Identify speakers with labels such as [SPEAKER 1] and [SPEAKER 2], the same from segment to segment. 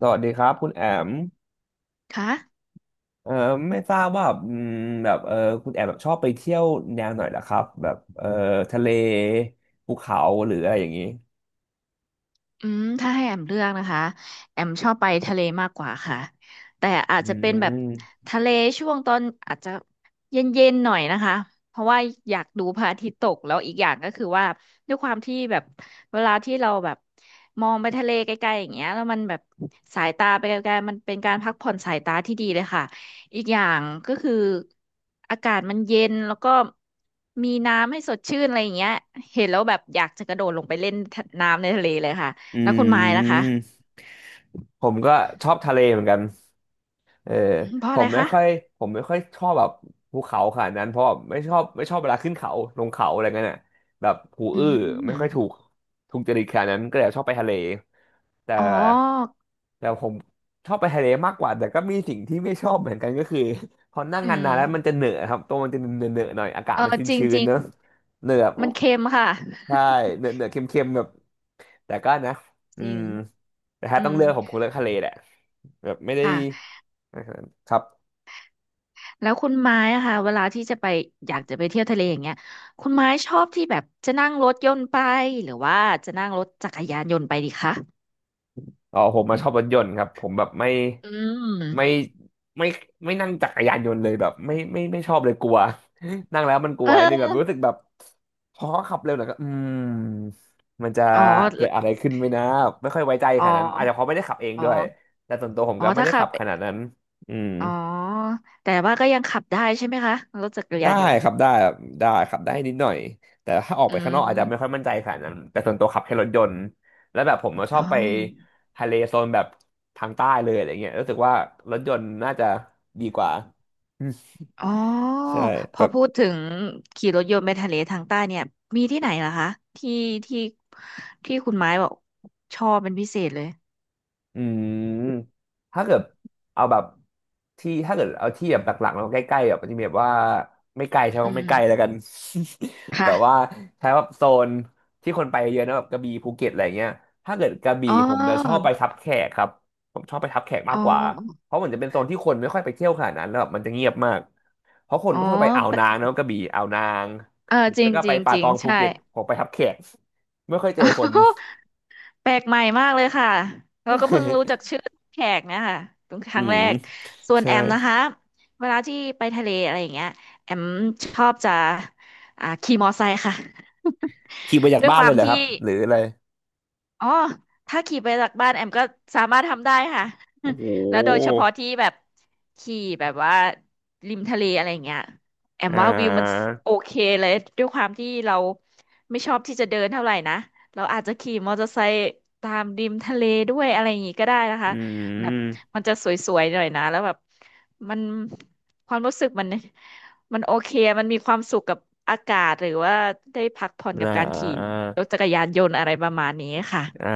[SPEAKER 1] สวัสดีครับคุณแอม
[SPEAKER 2] คะ
[SPEAKER 1] เอ่อไม่ทราบว่าแบบคุณแอมแบบชอบไปเที่ยวแนวไหนล่ะครับแบบทะเลภูเขาหรืออะไรอย่างนี้
[SPEAKER 2] อืมถ้าให้แอมเลือกนะคะแอมชอบไปทะเลมากกว่าค่ะแต่อาจ
[SPEAKER 1] อื
[SPEAKER 2] จะเป็นแบบ
[SPEAKER 1] ม
[SPEAKER 2] ทะเลช่วงตอนอาจจะเย็นๆหน่อยนะคะเพราะว่าอยากดูพระอาทิตย์ตกแล้วอีกอย่างก็คือว่าด้วยความที่แบบเวลาที่เราแบบมองไปทะเลไกลๆอย่างเงี้ยแล้วมันแบบสายตาไปไกลๆมันเป็นการพักผ่อนสายตาที่ดีเลยค่ะอีกอย่างก็คืออากาศมันเย็นแล้วก็มีน้ำให้สดชื่นอะไรอย่างเงี้ยเห็นแล้วแบบอยากจะกระโดดลงไปเล่นน้ำในทะเลเลยค่ะ
[SPEAKER 1] อื
[SPEAKER 2] แล้วคุณไม้ล่ะคะ
[SPEAKER 1] ม ผมก็ชอบทะเลเหมือนกันเออ
[SPEAKER 2] อืมเพราะ
[SPEAKER 1] ผ
[SPEAKER 2] อะไร
[SPEAKER 1] มไม่
[SPEAKER 2] คะ
[SPEAKER 1] ค่อยผมไม่ค่อยชอบแบบภูเขาขนาดนั้นเพราะไม่ชอบเวลาขึ้นเขาลงเขาอะไรเงี้ยน่ะแบบหู
[SPEAKER 2] อื
[SPEAKER 1] อื้อ
[SPEAKER 2] ม
[SPEAKER 1] ไม่ค่อยถูกจริตขนาดนั้นก็เลยชอบไปทะเลแต่
[SPEAKER 2] อ๋อ
[SPEAKER 1] แต่ผมชอบไปทะเลมากกว่าแต่ก็มีสิ่งที่ไม่ชอบเหมือนกันก็คือ พอนั่ง
[SPEAKER 2] อื
[SPEAKER 1] นา
[SPEAKER 2] ม
[SPEAKER 1] นๆแล้วมันจะเหนอะครับตัวมันจะเหนอะๆหน่อยอากาศ
[SPEAKER 2] เอ
[SPEAKER 1] มัน
[SPEAKER 2] อจริง
[SPEAKER 1] ชื้
[SPEAKER 2] จ
[SPEAKER 1] น
[SPEAKER 2] ริ
[SPEAKER 1] ๆ
[SPEAKER 2] ง
[SPEAKER 1] เนอะเหนอะ
[SPEAKER 2] มันเค็มค่ะ
[SPEAKER 1] ใช่เหนอะๆเค็มๆแบบ แต่ก็นะ
[SPEAKER 2] จ
[SPEAKER 1] อื
[SPEAKER 2] ริ
[SPEAKER 1] ม
[SPEAKER 2] ง
[SPEAKER 1] แต่ถ้า
[SPEAKER 2] อื
[SPEAKER 1] ต้อง
[SPEAKER 2] ม
[SPEAKER 1] เลือกผมคงเลือกทะเลแหละแบบไม่ได้
[SPEAKER 2] ค่ะ
[SPEAKER 1] นะครับ
[SPEAKER 2] แล้วคุณไม้อะค่ะเวลาที่จะไปอยากจะไปเที่ยวทะเลอย่างเงี้ยคุณไม้ชอบที่แบบจะนั่งรถยนต์ไปหรือว่าจะนั่งรถจักรยานยนต์ไปดีคะ
[SPEAKER 1] อ๋อผมมาชอบรถยนต์ครับผมแบบ
[SPEAKER 2] อืม
[SPEAKER 1] ไม่ไม่ไม่นั่งจักรยานยนต์เลยแบบไม่ไม่ชอบเลยกลัว นั่งแล้วมันกลัวนิดนึงแบบ
[SPEAKER 2] เออ
[SPEAKER 1] รู้สึกแบบพอขับเร็วหน่อยก็มันจะ
[SPEAKER 2] อ๋อ
[SPEAKER 1] เกิดอะไรขึ้นไหมนะไม่ค่อยไว้ใจ
[SPEAKER 2] อ๋
[SPEAKER 1] ข
[SPEAKER 2] อ
[SPEAKER 1] นาดนั้นอาจจะเพราะไม่ได้ขับเอง
[SPEAKER 2] อ๋
[SPEAKER 1] ด้วย
[SPEAKER 2] อ
[SPEAKER 1] แต่ส่วนตัวผม
[SPEAKER 2] อ๋อ
[SPEAKER 1] ก็ไม่
[SPEAKER 2] ถ้า
[SPEAKER 1] ได้
[SPEAKER 2] ขั
[SPEAKER 1] ขั
[SPEAKER 2] บ
[SPEAKER 1] บขนาดนั้นอืม
[SPEAKER 2] อ๋อแต่ว่าก็ยังขับได้ใช่ไหมคะรถจักร
[SPEAKER 1] ได้
[SPEAKER 2] ยานยนต์
[SPEAKER 1] ครับได้ได้ครับได้นิดหน่อยแต่ถ้าออก
[SPEAKER 2] อื
[SPEAKER 1] ไปข้างนอกอาจจะไม่ค่อย
[SPEAKER 2] ม
[SPEAKER 1] มั่นใจขนาดนั้นแต่ส่วนตัวขับแค่รถยนต์แล้วแบบผมก็ชอ
[SPEAKER 2] อ๋อ
[SPEAKER 1] บไปทะเลโซนแบบทางใต้เลยอะไรเงี้ยรู้สึกว่ารถยนต์น่าจะดีกว่า
[SPEAKER 2] อ๋อ
[SPEAKER 1] ใช่
[SPEAKER 2] พ
[SPEAKER 1] แบ
[SPEAKER 2] อ
[SPEAKER 1] บ
[SPEAKER 2] พูดถึงขี่รถยนต์ไปทะเลทางใต้เนี่ย มีที่ไหนเหรอคะที่ที่ที่คุณไม้บอกชอบเป็นพิเศษเลย
[SPEAKER 1] อืมถ้าเกิดเอาแบบที่ถ้าเกิดเอาที่แบบหลักๆแล้วใกล้ๆแบบมันจะมีแบบว่าไม่ไกลใช่ไหม
[SPEAKER 2] อื
[SPEAKER 1] ไม่
[SPEAKER 2] ม
[SPEAKER 1] ไกลแล้วกัน แบ
[SPEAKER 2] ค่ะ
[SPEAKER 1] บว่าใช้แบบโซนที่คนไปเยอะนะแบบกระบี่ภูเก็ตอะไรเงี้ยถ้าเกิดกระบี่
[SPEAKER 2] อ๋
[SPEAKER 1] ผมจะชอบ
[SPEAKER 2] อ
[SPEAKER 1] ไปทับแขกครับผมชอบไปทับแขก
[SPEAKER 2] อ๋
[SPEAKER 1] มาก
[SPEAKER 2] อ
[SPEAKER 1] กว่าเพราะเหมือนจะเป็นโซนที่คนไม่ค่อยไปเที่ยวขนาดนั้นแล้วแบบมันจะเงียบมากเพราะคน
[SPEAKER 2] อ๋อ
[SPEAKER 1] ก็คือไปอ่าว
[SPEAKER 2] แปล
[SPEAKER 1] นางเนอะกระบี่อ่าวนาง
[SPEAKER 2] เอ อ
[SPEAKER 1] หรือ
[SPEAKER 2] จริ
[SPEAKER 1] แล้ว
[SPEAKER 2] ง
[SPEAKER 1] ก็
[SPEAKER 2] จ
[SPEAKER 1] ไป
[SPEAKER 2] ริง
[SPEAKER 1] ป่า
[SPEAKER 2] จริ
[SPEAKER 1] ต
[SPEAKER 2] ง
[SPEAKER 1] องภู
[SPEAKER 2] ใช่
[SPEAKER 1] เก็ตผมไปทับแขก ไม่ค่อยเจอคน
[SPEAKER 2] แปลกใหม่มากเลยค่ะ เราก็เพิ่งรู้จักชื่อแขกเนี่ยค่ะเป็นค
[SPEAKER 1] อื
[SPEAKER 2] รั้งแร
[SPEAKER 1] ม
[SPEAKER 2] ก ส่วน
[SPEAKER 1] ใช่
[SPEAKER 2] แอมนะคะ เวลาที่ไปทะเลอะไรอย่างเงี้ยแอมชอบจะขี่มอไซค์ค่ะ
[SPEAKER 1] ขี่ไปจา ก
[SPEAKER 2] ด้วย
[SPEAKER 1] บ้า
[SPEAKER 2] ค
[SPEAKER 1] นเล
[SPEAKER 2] วาม
[SPEAKER 1] ยเหรอค
[SPEAKER 2] ที่
[SPEAKER 1] รับหรืออะไร
[SPEAKER 2] อ๋อถ้าขี่ไปจากบ้านแอมก็สามารถทำได้ค่ะ
[SPEAKER 1] โอ้โห
[SPEAKER 2] แล้วโดยเฉพาะที่แบบขี่แบบว่าริมทะเลอะไรอย่างเงี้ยแอม
[SPEAKER 1] อ่
[SPEAKER 2] ว่าวิวมัน
[SPEAKER 1] า
[SPEAKER 2] โอเคเลยด้วยความที่เราไม่ชอบที่จะเดินเท่าไหร่นะ เราอาจจะขี่มอเตอร์ไซค์ตามริมทะเลด้วยอะไรอย่างงี้ก็ได้นะ
[SPEAKER 1] อื
[SPEAKER 2] คะแบบ
[SPEAKER 1] ม
[SPEAKER 2] มันจะสวยๆหน่อยนะแล้วแบบมันความรู้สึกมัน มันโอเค มันมีความสุขกับอากาศหรือว่าได้พักผ่อนกั
[SPEAKER 1] อ่า
[SPEAKER 2] บการขี่
[SPEAKER 1] อ่า
[SPEAKER 2] รถจักรยานยนต์อะไรประมาณนี้ค่ะ
[SPEAKER 1] อ่า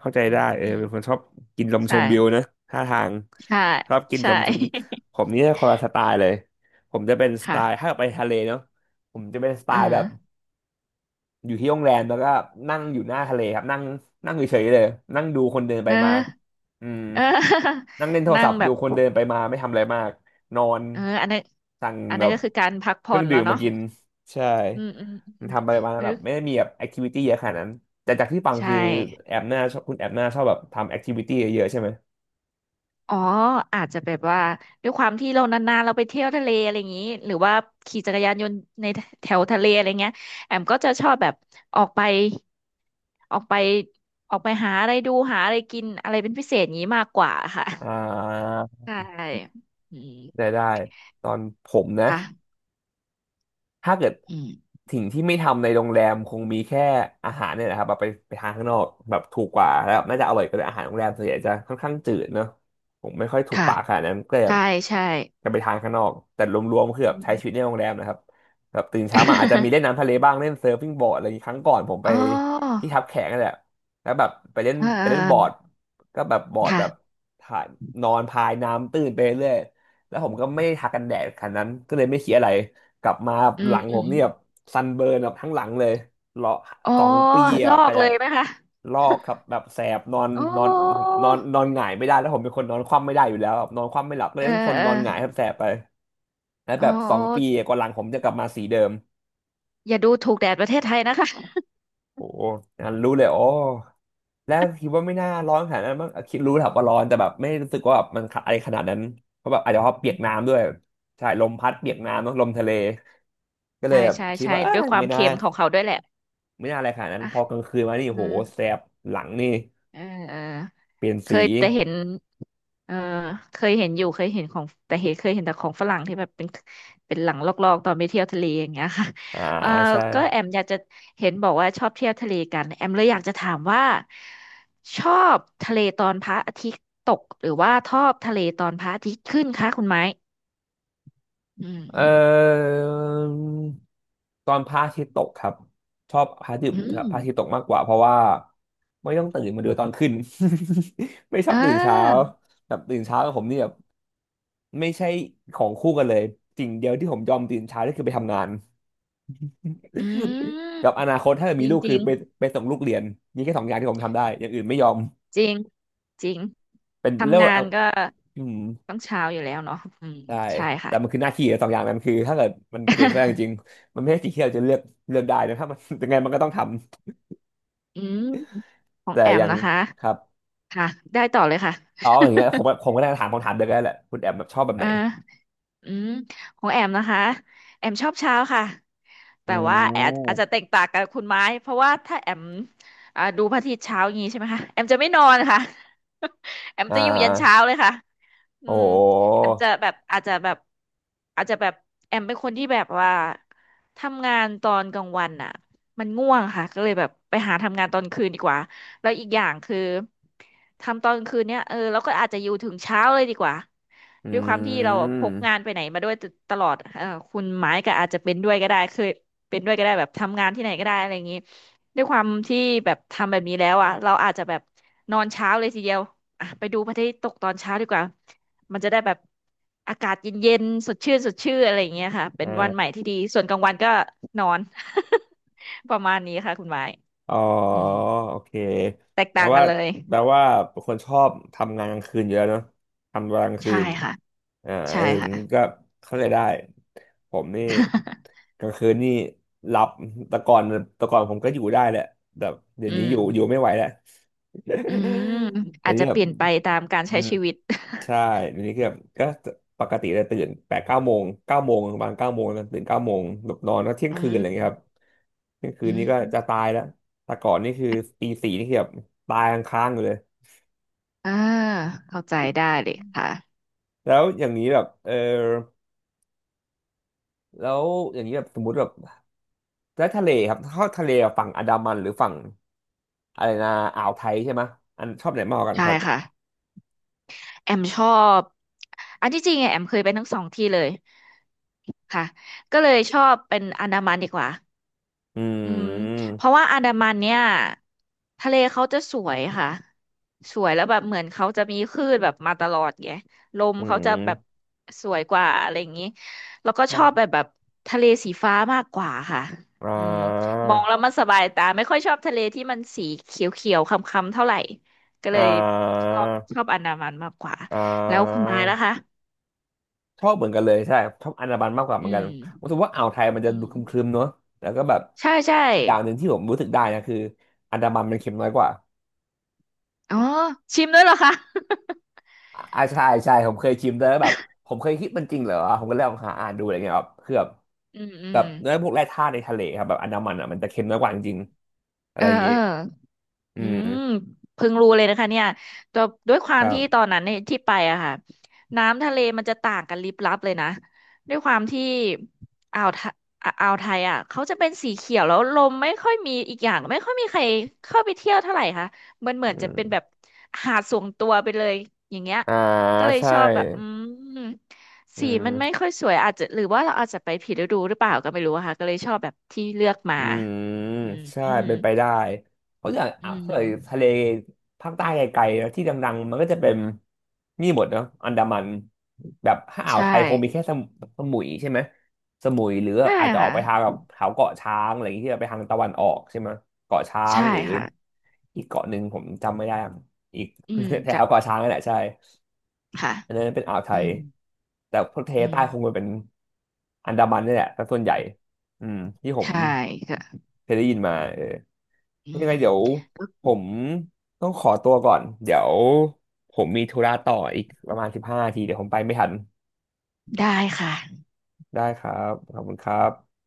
[SPEAKER 1] เข้าใจ
[SPEAKER 2] อื
[SPEAKER 1] ได้
[SPEAKER 2] ม
[SPEAKER 1] เออ
[SPEAKER 2] อืม
[SPEAKER 1] เป็นคนชอบกินลมช
[SPEAKER 2] ใช่
[SPEAKER 1] มวิวนะท่าทาง
[SPEAKER 2] ใช่
[SPEAKER 1] ชอบกินล
[SPEAKER 2] ใช่
[SPEAKER 1] มชมวิวผมนี่คนละสไตล์เลยผมจะเป็น สไต
[SPEAKER 2] ค่ะ
[SPEAKER 1] ล์ถ้าไปทะเลเนาะผมจะเป็นสไต
[SPEAKER 2] เออ
[SPEAKER 1] ล์แบบ อยู่ที่โรงแรมแล้วก็นั่งอยู่หน้าทะเลครับนั่งนั่งเฉยๆเลยนั่งดูคนเดินไป
[SPEAKER 2] เอ
[SPEAKER 1] มา
[SPEAKER 2] อ
[SPEAKER 1] อืม
[SPEAKER 2] เออ
[SPEAKER 1] นั่งเล่นโท ร
[SPEAKER 2] นั่
[SPEAKER 1] ศั
[SPEAKER 2] ง
[SPEAKER 1] พท์
[SPEAKER 2] แบ
[SPEAKER 1] ดู
[SPEAKER 2] บ
[SPEAKER 1] คนเดินไปมาไม่ทำอะไรมากนอน
[SPEAKER 2] เอออันนั้น
[SPEAKER 1] สั่ง
[SPEAKER 2] อัน
[SPEAKER 1] แบ
[SPEAKER 2] นั้น
[SPEAKER 1] บ
[SPEAKER 2] ก็คือการพัก
[SPEAKER 1] เค
[SPEAKER 2] ผ่
[SPEAKER 1] รื่
[SPEAKER 2] อ
[SPEAKER 1] อง
[SPEAKER 2] นแล้
[SPEAKER 1] ดื่
[SPEAKER 2] ว
[SPEAKER 1] มมา
[SPEAKER 2] เนาะ
[SPEAKER 1] กินใช่
[SPEAKER 2] อืมอืม
[SPEAKER 1] มั
[SPEAKER 2] อื
[SPEAKER 1] น
[SPEAKER 2] ม
[SPEAKER 1] ทำอะไรมาแบบไม่ได้มีแบบแอคทิวิตี้เยอะขนาดนั้นแต่จากที่ฟัง
[SPEAKER 2] ใช่
[SPEAKER 1] คือแอบหน้าชอบคุณแอบหน้าชอบแบบทำแอคทิวิตี้เยอะๆใช่ไหม
[SPEAKER 2] อ๋ออาจจะแบบว่าด้วยความที่เรานานๆเราไปเที่ยวทะเลอะไรอย่างนี้หรือว่าขี่จักรยานยนต์ในแถวทะเลอะไรเงี้ยแอมก็จะชอบแบบออกไปออกไปออกไปหาอะไรดูหาอะไรกินอะไรเป็นพิเศษอย่างนี้มากกว่าค่ะ
[SPEAKER 1] อ่า
[SPEAKER 2] ใช่อืม
[SPEAKER 1] ได้ได้ตอนผมนะ
[SPEAKER 2] ค่ะ
[SPEAKER 1] ถ้าเกิด
[SPEAKER 2] อืม
[SPEAKER 1] สิ่งที่ไม่ทำในโรงแรมคงมีแค่อาหารเนี่ยนะครับแบบไปไปทานข้างนอกแบบถูกกว่าแล้วน่าจะอร่อยกว่าด้วยอาหารโรงแรมส่วนใหญ่จะค่อนข้างจืดเนอะผมไม่ค่อยถูก
[SPEAKER 2] ค่ะ
[SPEAKER 1] ปากขนาดนั้นก็เลยแบบ
[SPEAKER 2] ใช่ใช่
[SPEAKER 1] จะไปทานข้างนอกแต่รวมๆคือ
[SPEAKER 2] อื
[SPEAKER 1] แบบใช้
[SPEAKER 2] ม
[SPEAKER 1] ชีวิตในโรงแรมนะครับแบบตื่นเช้ามาอาจจะมีเล่นน้ำ ทะเลบ้างเล่นเซิร์ฟฟิ้งบอร์ดอะไรอย่างงี้ครั้งก่อนผมไป
[SPEAKER 2] อ๋อ
[SPEAKER 1] ที่ทับแขกนั่นแหละแล้วแบบ
[SPEAKER 2] อ่า
[SPEAKER 1] ไป
[SPEAKER 2] อ่า
[SPEAKER 1] เล่นบอร์ด
[SPEAKER 2] อ่า
[SPEAKER 1] ก็แบบบอร์ดแบบ
[SPEAKER 2] ค่ะ
[SPEAKER 1] ถ่ายนอนพายน้ำตื้นไปเรื่อยแล้วผมก็ไม่ได้ทากันแดดขนาดนั้นก็เลยไม่คิดอะไร กลับมา
[SPEAKER 2] อื
[SPEAKER 1] ห
[SPEAKER 2] ม
[SPEAKER 1] ลัง
[SPEAKER 2] อื
[SPEAKER 1] ผ
[SPEAKER 2] ม
[SPEAKER 1] ม
[SPEAKER 2] อื
[SPEAKER 1] เนี่
[SPEAKER 2] ม
[SPEAKER 1] ยแบบซันเบิร์นแบบทั้งหลังเลยรอ
[SPEAKER 2] อ๋อ
[SPEAKER 1] สองปี
[SPEAKER 2] ล
[SPEAKER 1] อ่ะ
[SPEAKER 2] อ
[SPEAKER 1] ก็
[SPEAKER 2] กเล
[SPEAKER 1] จะ
[SPEAKER 2] ยไหมคะ
[SPEAKER 1] ลอกครับแบบแสบนอน
[SPEAKER 2] โอ
[SPEAKER 1] นอน
[SPEAKER 2] ้
[SPEAKER 1] นอนนอนหงายไม่ได้แล้วผมเป็นคนนอนคว่ำไม่ได้อยู่แล้วแบบนอนคว่ำไม่หลับเล
[SPEAKER 2] เอ
[SPEAKER 1] ย
[SPEAKER 2] อ
[SPEAKER 1] ต้องทน
[SPEAKER 2] เออ
[SPEAKER 1] นอนหงายครับแสบไปแล้ว
[SPEAKER 2] อ๋อ
[SPEAKER 1] แบบส
[SPEAKER 2] อ
[SPEAKER 1] องปี
[SPEAKER 2] อ
[SPEAKER 1] กว่าหลังผมจะกลับมาสีเดิม
[SPEAKER 2] อย่าดูถูกแดดประเทศไทยนะคะ
[SPEAKER 1] โอ้งั้นรู้เลยโอ้แล้วคิดว่าไม่น่าร้อนขนาดนั้นมั้งคิดรู้แหละว่าร้อนแต่แบบไม่รู้สึกว่าแบบมันอะไรขนาดนั้นเพราะแบบอาจจะเพราะเปียกน้ำด้วยใช่ลมพัดเปียกน้ำเนอะลมทะเลก็เล
[SPEAKER 2] ใช่
[SPEAKER 1] ยแบบ
[SPEAKER 2] ใช่
[SPEAKER 1] คิด
[SPEAKER 2] ใช่
[SPEAKER 1] ว่าเอ้
[SPEAKER 2] ด้วย
[SPEAKER 1] ย
[SPEAKER 2] ความ
[SPEAKER 1] ไม่น่า
[SPEAKER 2] เค็มของเขาด้วยแหละ
[SPEAKER 1] ไม่น่าอะไรขนาดนั้น
[SPEAKER 2] อ่ะ
[SPEAKER 1] พอกลางคืนมานี่
[SPEAKER 2] เออ
[SPEAKER 1] โหแสบหลังนี่
[SPEAKER 2] เออเออ
[SPEAKER 1] เปลี่ยน
[SPEAKER 2] เค
[SPEAKER 1] สี
[SPEAKER 2] ยแต่เห็นเออเคยเห็นอยู่เคยเห็นของแต่เห็นเคยเห็นแต่ของฝรั่งที่แบบเป็นเป็นหลังลอกๆตอนไปเที่ยวทะเลอย่างเงี้ย ค่ะ
[SPEAKER 1] อ่า
[SPEAKER 2] เออ
[SPEAKER 1] ใช่
[SPEAKER 2] ก็แอมอยากจะเห็นบอกว่าชอบเที่ยวทะเลกันแอมเลยอยากจะถามว่าชอบทะเลตอนพระอาทิตย์ตกหรือว่าชอบทะเลตอนพระอาทิตย์ขึ้นคะคุณไม้อืม
[SPEAKER 1] เอ่อตอนพระอาทิตย์ตกครับชอบพระอาทิต
[SPEAKER 2] อื
[SPEAKER 1] ย์พระอาทิตย์ต
[SPEAKER 2] ม
[SPEAKER 1] กมากกว่าเพราะว่าไม่ต้องตื่นมาดูตอนขึ้น ไม่ชอ
[SPEAKER 2] อ่
[SPEAKER 1] บตื่นเช้า
[SPEAKER 2] า
[SPEAKER 1] แบบตื่นเช้ากับผมนี่แบบไม่ใช่ของคู่กันเลยสิ่งเดียวที่ผมยอมตื่นเช้านี่คือไปทำงาน
[SPEAKER 2] อื
[SPEAKER 1] กับอ
[SPEAKER 2] ม
[SPEAKER 1] นาคตถ้าเกิด
[SPEAKER 2] จ
[SPEAKER 1] มี
[SPEAKER 2] ริง
[SPEAKER 1] ลูก
[SPEAKER 2] จ
[SPEAKER 1] คื
[SPEAKER 2] ริ
[SPEAKER 1] อ
[SPEAKER 2] ง
[SPEAKER 1] ไปส่งลูกเรียนนี่แค่สองอย่างที่ผมทำได้อย่างอื่นไม่ยอม
[SPEAKER 2] จริงจริง
[SPEAKER 1] เป็นเรียก
[SPEAKER 2] ทำ
[SPEAKER 1] ว่า
[SPEAKER 2] งาน
[SPEAKER 1] เอา
[SPEAKER 2] ก็
[SPEAKER 1] อืม
[SPEAKER 2] ต้องเช้าอยู่แล้วเนาะอืม
[SPEAKER 1] ใช่
[SPEAKER 2] ใช่
[SPEAKER 1] แต่
[SPEAKER 2] ค่ะ
[SPEAKER 1] มันคือหน้าที่สองอย่างนั้นคือถ้าเกิดมันเกิดขึ้นจริงๆมันไม่ใช่สิ่งที่เราจะเลือกเลือกได้นะถ้ามัน ยังไงมันก็ต้องทำ
[SPEAKER 2] อืมของ
[SPEAKER 1] แต่
[SPEAKER 2] แอ
[SPEAKER 1] อ
[SPEAKER 2] ม
[SPEAKER 1] ย่าง
[SPEAKER 2] นะคะ
[SPEAKER 1] ครับ
[SPEAKER 2] ค่ะได้ต่อเลยค่ะ
[SPEAKER 1] อ๋ออย่างเงี้ยผมก็ได้ถามคำถามเดียวกันแหละคุณแอมแบบชอบแบ บ
[SPEAKER 2] เอ
[SPEAKER 1] ไห
[SPEAKER 2] อ
[SPEAKER 1] น
[SPEAKER 2] อืมของแอมนะคะแอมชอบเช้าค่ะ
[SPEAKER 1] อื
[SPEAKER 2] แต่ว่าแอมอาจจะแต
[SPEAKER 1] ม
[SPEAKER 2] กต่างกับคุณไม้เพราะว่าถ้าแอมดูพระอาทิตย์เช้าอย่างนี้ใช่ไหมคะแอมจะไม่นอนค่ะ แอม
[SPEAKER 1] อ่
[SPEAKER 2] จะอยู่ยันเช้า
[SPEAKER 1] า
[SPEAKER 2] เลยค่ะอื
[SPEAKER 1] โอ้
[SPEAKER 2] ม
[SPEAKER 1] โห
[SPEAKER 2] แอมจะแบบอาจจะแบบแอมเป็นคนที่แบบว่าทำงานตอนกลางวันอ่ะมันง่วงค่ะก็เลยแบบไปหาทำงานตอนคืนดีกว่า แล้วอีกอย่างคือทำตอนกลางคืนเนี่ยเออเราก็อาจจะอยู่ถึงเช้าเลยดีกว่า
[SPEAKER 1] อื
[SPEAKER 2] ด้วยความที่เราพกงาน
[SPEAKER 1] ม
[SPEAKER 2] ไปไหนมาด้วยลอดเออคุณไม้ก็อาจจะเป็นด้วยก็ได้เคยเป็นด้วยก็ได้แบบทำงานที่ไหนก็ได้อะไรอย่างนี้ด้วยความที่แบบทำแบบนี้แล้วอ่ะเราอาจจะแบบนอนเช้าเลยทีเดียวอ่ะไปดูพระอาทิตย์ตกตอนเช้าดีกว่ามันจะได้แบบอากาศเย็นๆสดชื่นอะไรอย่างเงี้ยค่ะเป็นวันใหม่
[SPEAKER 1] อ่า
[SPEAKER 2] ที่ดีส่วนกลางวันก็นอน ประมาณนี้ค่ะคุณไม้
[SPEAKER 1] อ๋อ
[SPEAKER 2] อืม
[SPEAKER 1] โอเค
[SPEAKER 2] แตก
[SPEAKER 1] แปล
[SPEAKER 2] ต่างกั
[SPEAKER 1] ว่า
[SPEAKER 2] นเลย
[SPEAKER 1] แปลว่าเป็นคนชอบทำงานกลางคืนอยู่แล้วเนาะทำเวลากลางคื
[SPEAKER 2] ใช่
[SPEAKER 1] น
[SPEAKER 2] ค่ะ
[SPEAKER 1] อ่าเอ
[SPEAKER 2] ใช่
[SPEAKER 1] อ
[SPEAKER 2] ค่ะ
[SPEAKER 1] ก็เข้าใจได้ผมนี่ กลางคืนนี่หลับแต่ก่อนแต่ก่อนผมก็อยู่ได้แหละแต่เดี๋ย
[SPEAKER 2] อื
[SPEAKER 1] วนี้อยู่ไม่
[SPEAKER 2] ม
[SPEAKER 1] ไหวแล้ว
[SPEAKER 2] อืม
[SPEAKER 1] อั
[SPEAKER 2] อา
[SPEAKER 1] น
[SPEAKER 2] จ
[SPEAKER 1] นี้
[SPEAKER 2] จะ
[SPEAKER 1] แบ
[SPEAKER 2] เป
[SPEAKER 1] บ
[SPEAKER 2] ลี่ยนไปตามการ
[SPEAKER 1] อื
[SPEAKER 2] ใช้
[SPEAKER 1] ม
[SPEAKER 2] ชีวิต
[SPEAKER 1] ใช่อันี้คือแบบก็ปกติจะตื่นแปดเก้าโมงเก้าโมงประมาณเก้าโมงนะตื่นเก้าโมงหลับนอนก็เที่ย ง
[SPEAKER 2] อื
[SPEAKER 1] คืน
[SPEAKER 2] ม
[SPEAKER 1] อะไรอย่างเงี้ยครับ นี่คื
[SPEAKER 2] อื
[SPEAKER 1] นนี้ก็จะ
[SPEAKER 2] ม
[SPEAKER 1] ตายแล้ว แต่ก่อนนี่คือตีสี่นี่คือแบบตายค้างๆอยู่เลย
[SPEAKER 2] อ่าเข้าใจได้เลยค่ะ
[SPEAKER 1] แล้วอย่างนี้แบบเออแล้วอย่างนี้แบบสมมติแบบแล้วทะเลครับเข้าทะเลฝั่งอันดามันหรือฝั่งอะไรนะอ่าวไทยใช่ไหม อันชอบไหนมากกว่ากัน
[SPEAKER 2] ใช่
[SPEAKER 1] ครับ
[SPEAKER 2] ค่ะแอมชอบอันที่จริงอะแอมเคยไปทั้งสองที่เลยค่ะก็เลยชอบเป็นอันดามันดีกว่า
[SPEAKER 1] อื
[SPEAKER 2] อืม
[SPEAKER 1] ม
[SPEAKER 2] เพราะว่าอันดามันเนี่ยทะเลเขาจะสวยค่ะสวยแล้วแบบเหมือนเขาจะมีคลื่นแบบมาตลอดไงลม
[SPEAKER 1] อื
[SPEAKER 2] เขาจะแบบ
[SPEAKER 1] ม
[SPEAKER 2] สวยกว่าอะไรอย่างนี้แล้วก็ชอบแบบทะเลสีฟ้ามากกว่าค่ะ
[SPEAKER 1] อ่
[SPEAKER 2] อืม
[SPEAKER 1] า
[SPEAKER 2] มองแล้วมันสบายตาไม่ค่อยชอบทะเลที่มันสีเขียวๆคล้ำๆเท่าไหร่ก็
[SPEAKER 1] อ่
[SPEAKER 2] เลยช
[SPEAKER 1] า
[SPEAKER 2] อบชอบอันดามันมากกว่า
[SPEAKER 1] อ่า
[SPEAKER 2] แล้วคุณไม้ล่ะคะ
[SPEAKER 1] ชอบเหมือนกันเลยใช่ชอบอันดามันมากกว่าเห
[SPEAKER 2] อื
[SPEAKER 1] มือนกัน
[SPEAKER 2] ม
[SPEAKER 1] รู้สึกว่าอ่าวไทยมันจะ
[SPEAKER 2] อื
[SPEAKER 1] ดู
[SPEAKER 2] ม
[SPEAKER 1] ครึมๆเนอะแล้วก็แบบ
[SPEAKER 2] ใช่ใช่
[SPEAKER 1] อีกอย่างหนึ่งที่ผมรู้สึกได้นะคืออันดามันมันเค็มน้อยกว่า
[SPEAKER 2] อ๋อชิมด้วยเหรอคะ
[SPEAKER 1] อ่าใช่ใช่ผมเคยชิมแต่แบบผมเคยคิดมันจริงเหรอผมก็เลยลองหาอ่านดูอะไรเงี้ยครับคือแบบ
[SPEAKER 2] อืมอื
[SPEAKER 1] แบบ
[SPEAKER 2] ม
[SPEAKER 1] เนื้อพวกแร่ธาตุในทะเลครับแบบอันดามันอ่ะมันจะเค็มน้อยกว่าจริงๆอะ
[SPEAKER 2] เอ
[SPEAKER 1] ไร
[SPEAKER 2] อ
[SPEAKER 1] อย่าง
[SPEAKER 2] เอ
[SPEAKER 1] งี้
[SPEAKER 2] อ
[SPEAKER 1] อื
[SPEAKER 2] อื
[SPEAKER 1] ม
[SPEAKER 2] มเพิ่งรู้เลยนะคะเนี่ยแต่ด้วยควา
[SPEAKER 1] ค
[SPEAKER 2] ม
[SPEAKER 1] รั
[SPEAKER 2] ที่ตอ
[SPEAKER 1] บ
[SPEAKER 2] นนั้นเนี่ยที่ไปอะค่ะน้ำทะเลมันจะต่างกันลิบลับเลยนะด้วยความที่อ่าวไทอ่ะอ่าวไทยอะเขาจะเป็นสีเขียวแล้วลมไม่ค่อยมีอีกอย่างไม่ค่อยมีใครเข้าไปเที่ยวเท่าไหร่ค่ะมันเหมื
[SPEAKER 1] อื
[SPEAKER 2] อนจะเป็นแบ
[SPEAKER 1] ม
[SPEAKER 2] บหาดส่วนตัวไปเลยอย่างเงี้ย
[SPEAKER 1] อ่า
[SPEAKER 2] ก็เลย
[SPEAKER 1] ใช่
[SPEAKER 2] ชอบแบบอืม
[SPEAKER 1] อื
[SPEAKER 2] สี
[SPEAKER 1] ม
[SPEAKER 2] มันไม่ค่อยสวยอาจจะหรือว่าเราอาจจะไปผิดฤดูหรือเปล่าก็ไม่รู้อะค่ะก็เลยชอบแบบที่เลือกมา
[SPEAKER 1] อืมใช่
[SPEAKER 2] อืม
[SPEAKER 1] เป็นไปได้เพราะอย่าง
[SPEAKER 2] อื
[SPEAKER 1] อ่าวถ้าเกิดทะเล
[SPEAKER 2] ม
[SPEAKER 1] ภาคใต้ไกลๆนะที่ดังๆมันก็จะเป็นนี่หมดเนาะอันดามันแบบถ้าอ่าวไท
[SPEAKER 2] ใช่
[SPEAKER 1] ยคงมีแค่สมสมุยใช่ไหมสมุยหรือ
[SPEAKER 2] ใช่
[SPEAKER 1] อาจจะออก
[SPEAKER 2] ค่ะ
[SPEAKER 1] ไปทางแบบแถวเกาะช้างอะไรอย่างเงี้ยที่แบบไปทางตะวันออกใช่ไหมเกาะช้าง
[SPEAKER 2] ใช่
[SPEAKER 1] หรือ
[SPEAKER 2] ค่ะ
[SPEAKER 1] อีกเกาะหนึ่งผมจำไม่ได้อะอีก
[SPEAKER 2] อืม
[SPEAKER 1] แถ
[SPEAKER 2] จะ
[SPEAKER 1] วเกาะช้างนั่นแหละใช่
[SPEAKER 2] ค่ะ
[SPEAKER 1] อันนั้นเป็นอ่าวไท
[SPEAKER 2] อื
[SPEAKER 1] ย
[SPEAKER 2] ม
[SPEAKER 1] แต่พวกทะเล
[SPEAKER 2] อืม
[SPEAKER 1] ใต้คงจะเป็นอันดามันนี่แหละแตส่วนใหญ่อืมที่ผม
[SPEAKER 2] ใช่ค่ะ
[SPEAKER 1] เคยได้ยินมาเออ
[SPEAKER 2] อื
[SPEAKER 1] ยังไงเดี๋ยว
[SPEAKER 2] ม
[SPEAKER 1] ผมต้องขอตัวก่อน เดี๋ยวผมมีธุระต่ออีกประมาณ15นาทีเดี๋ยวผมไปไม่ทัน
[SPEAKER 2] ได้ค่ะ
[SPEAKER 1] ได้ครับ ขอบคุณครับ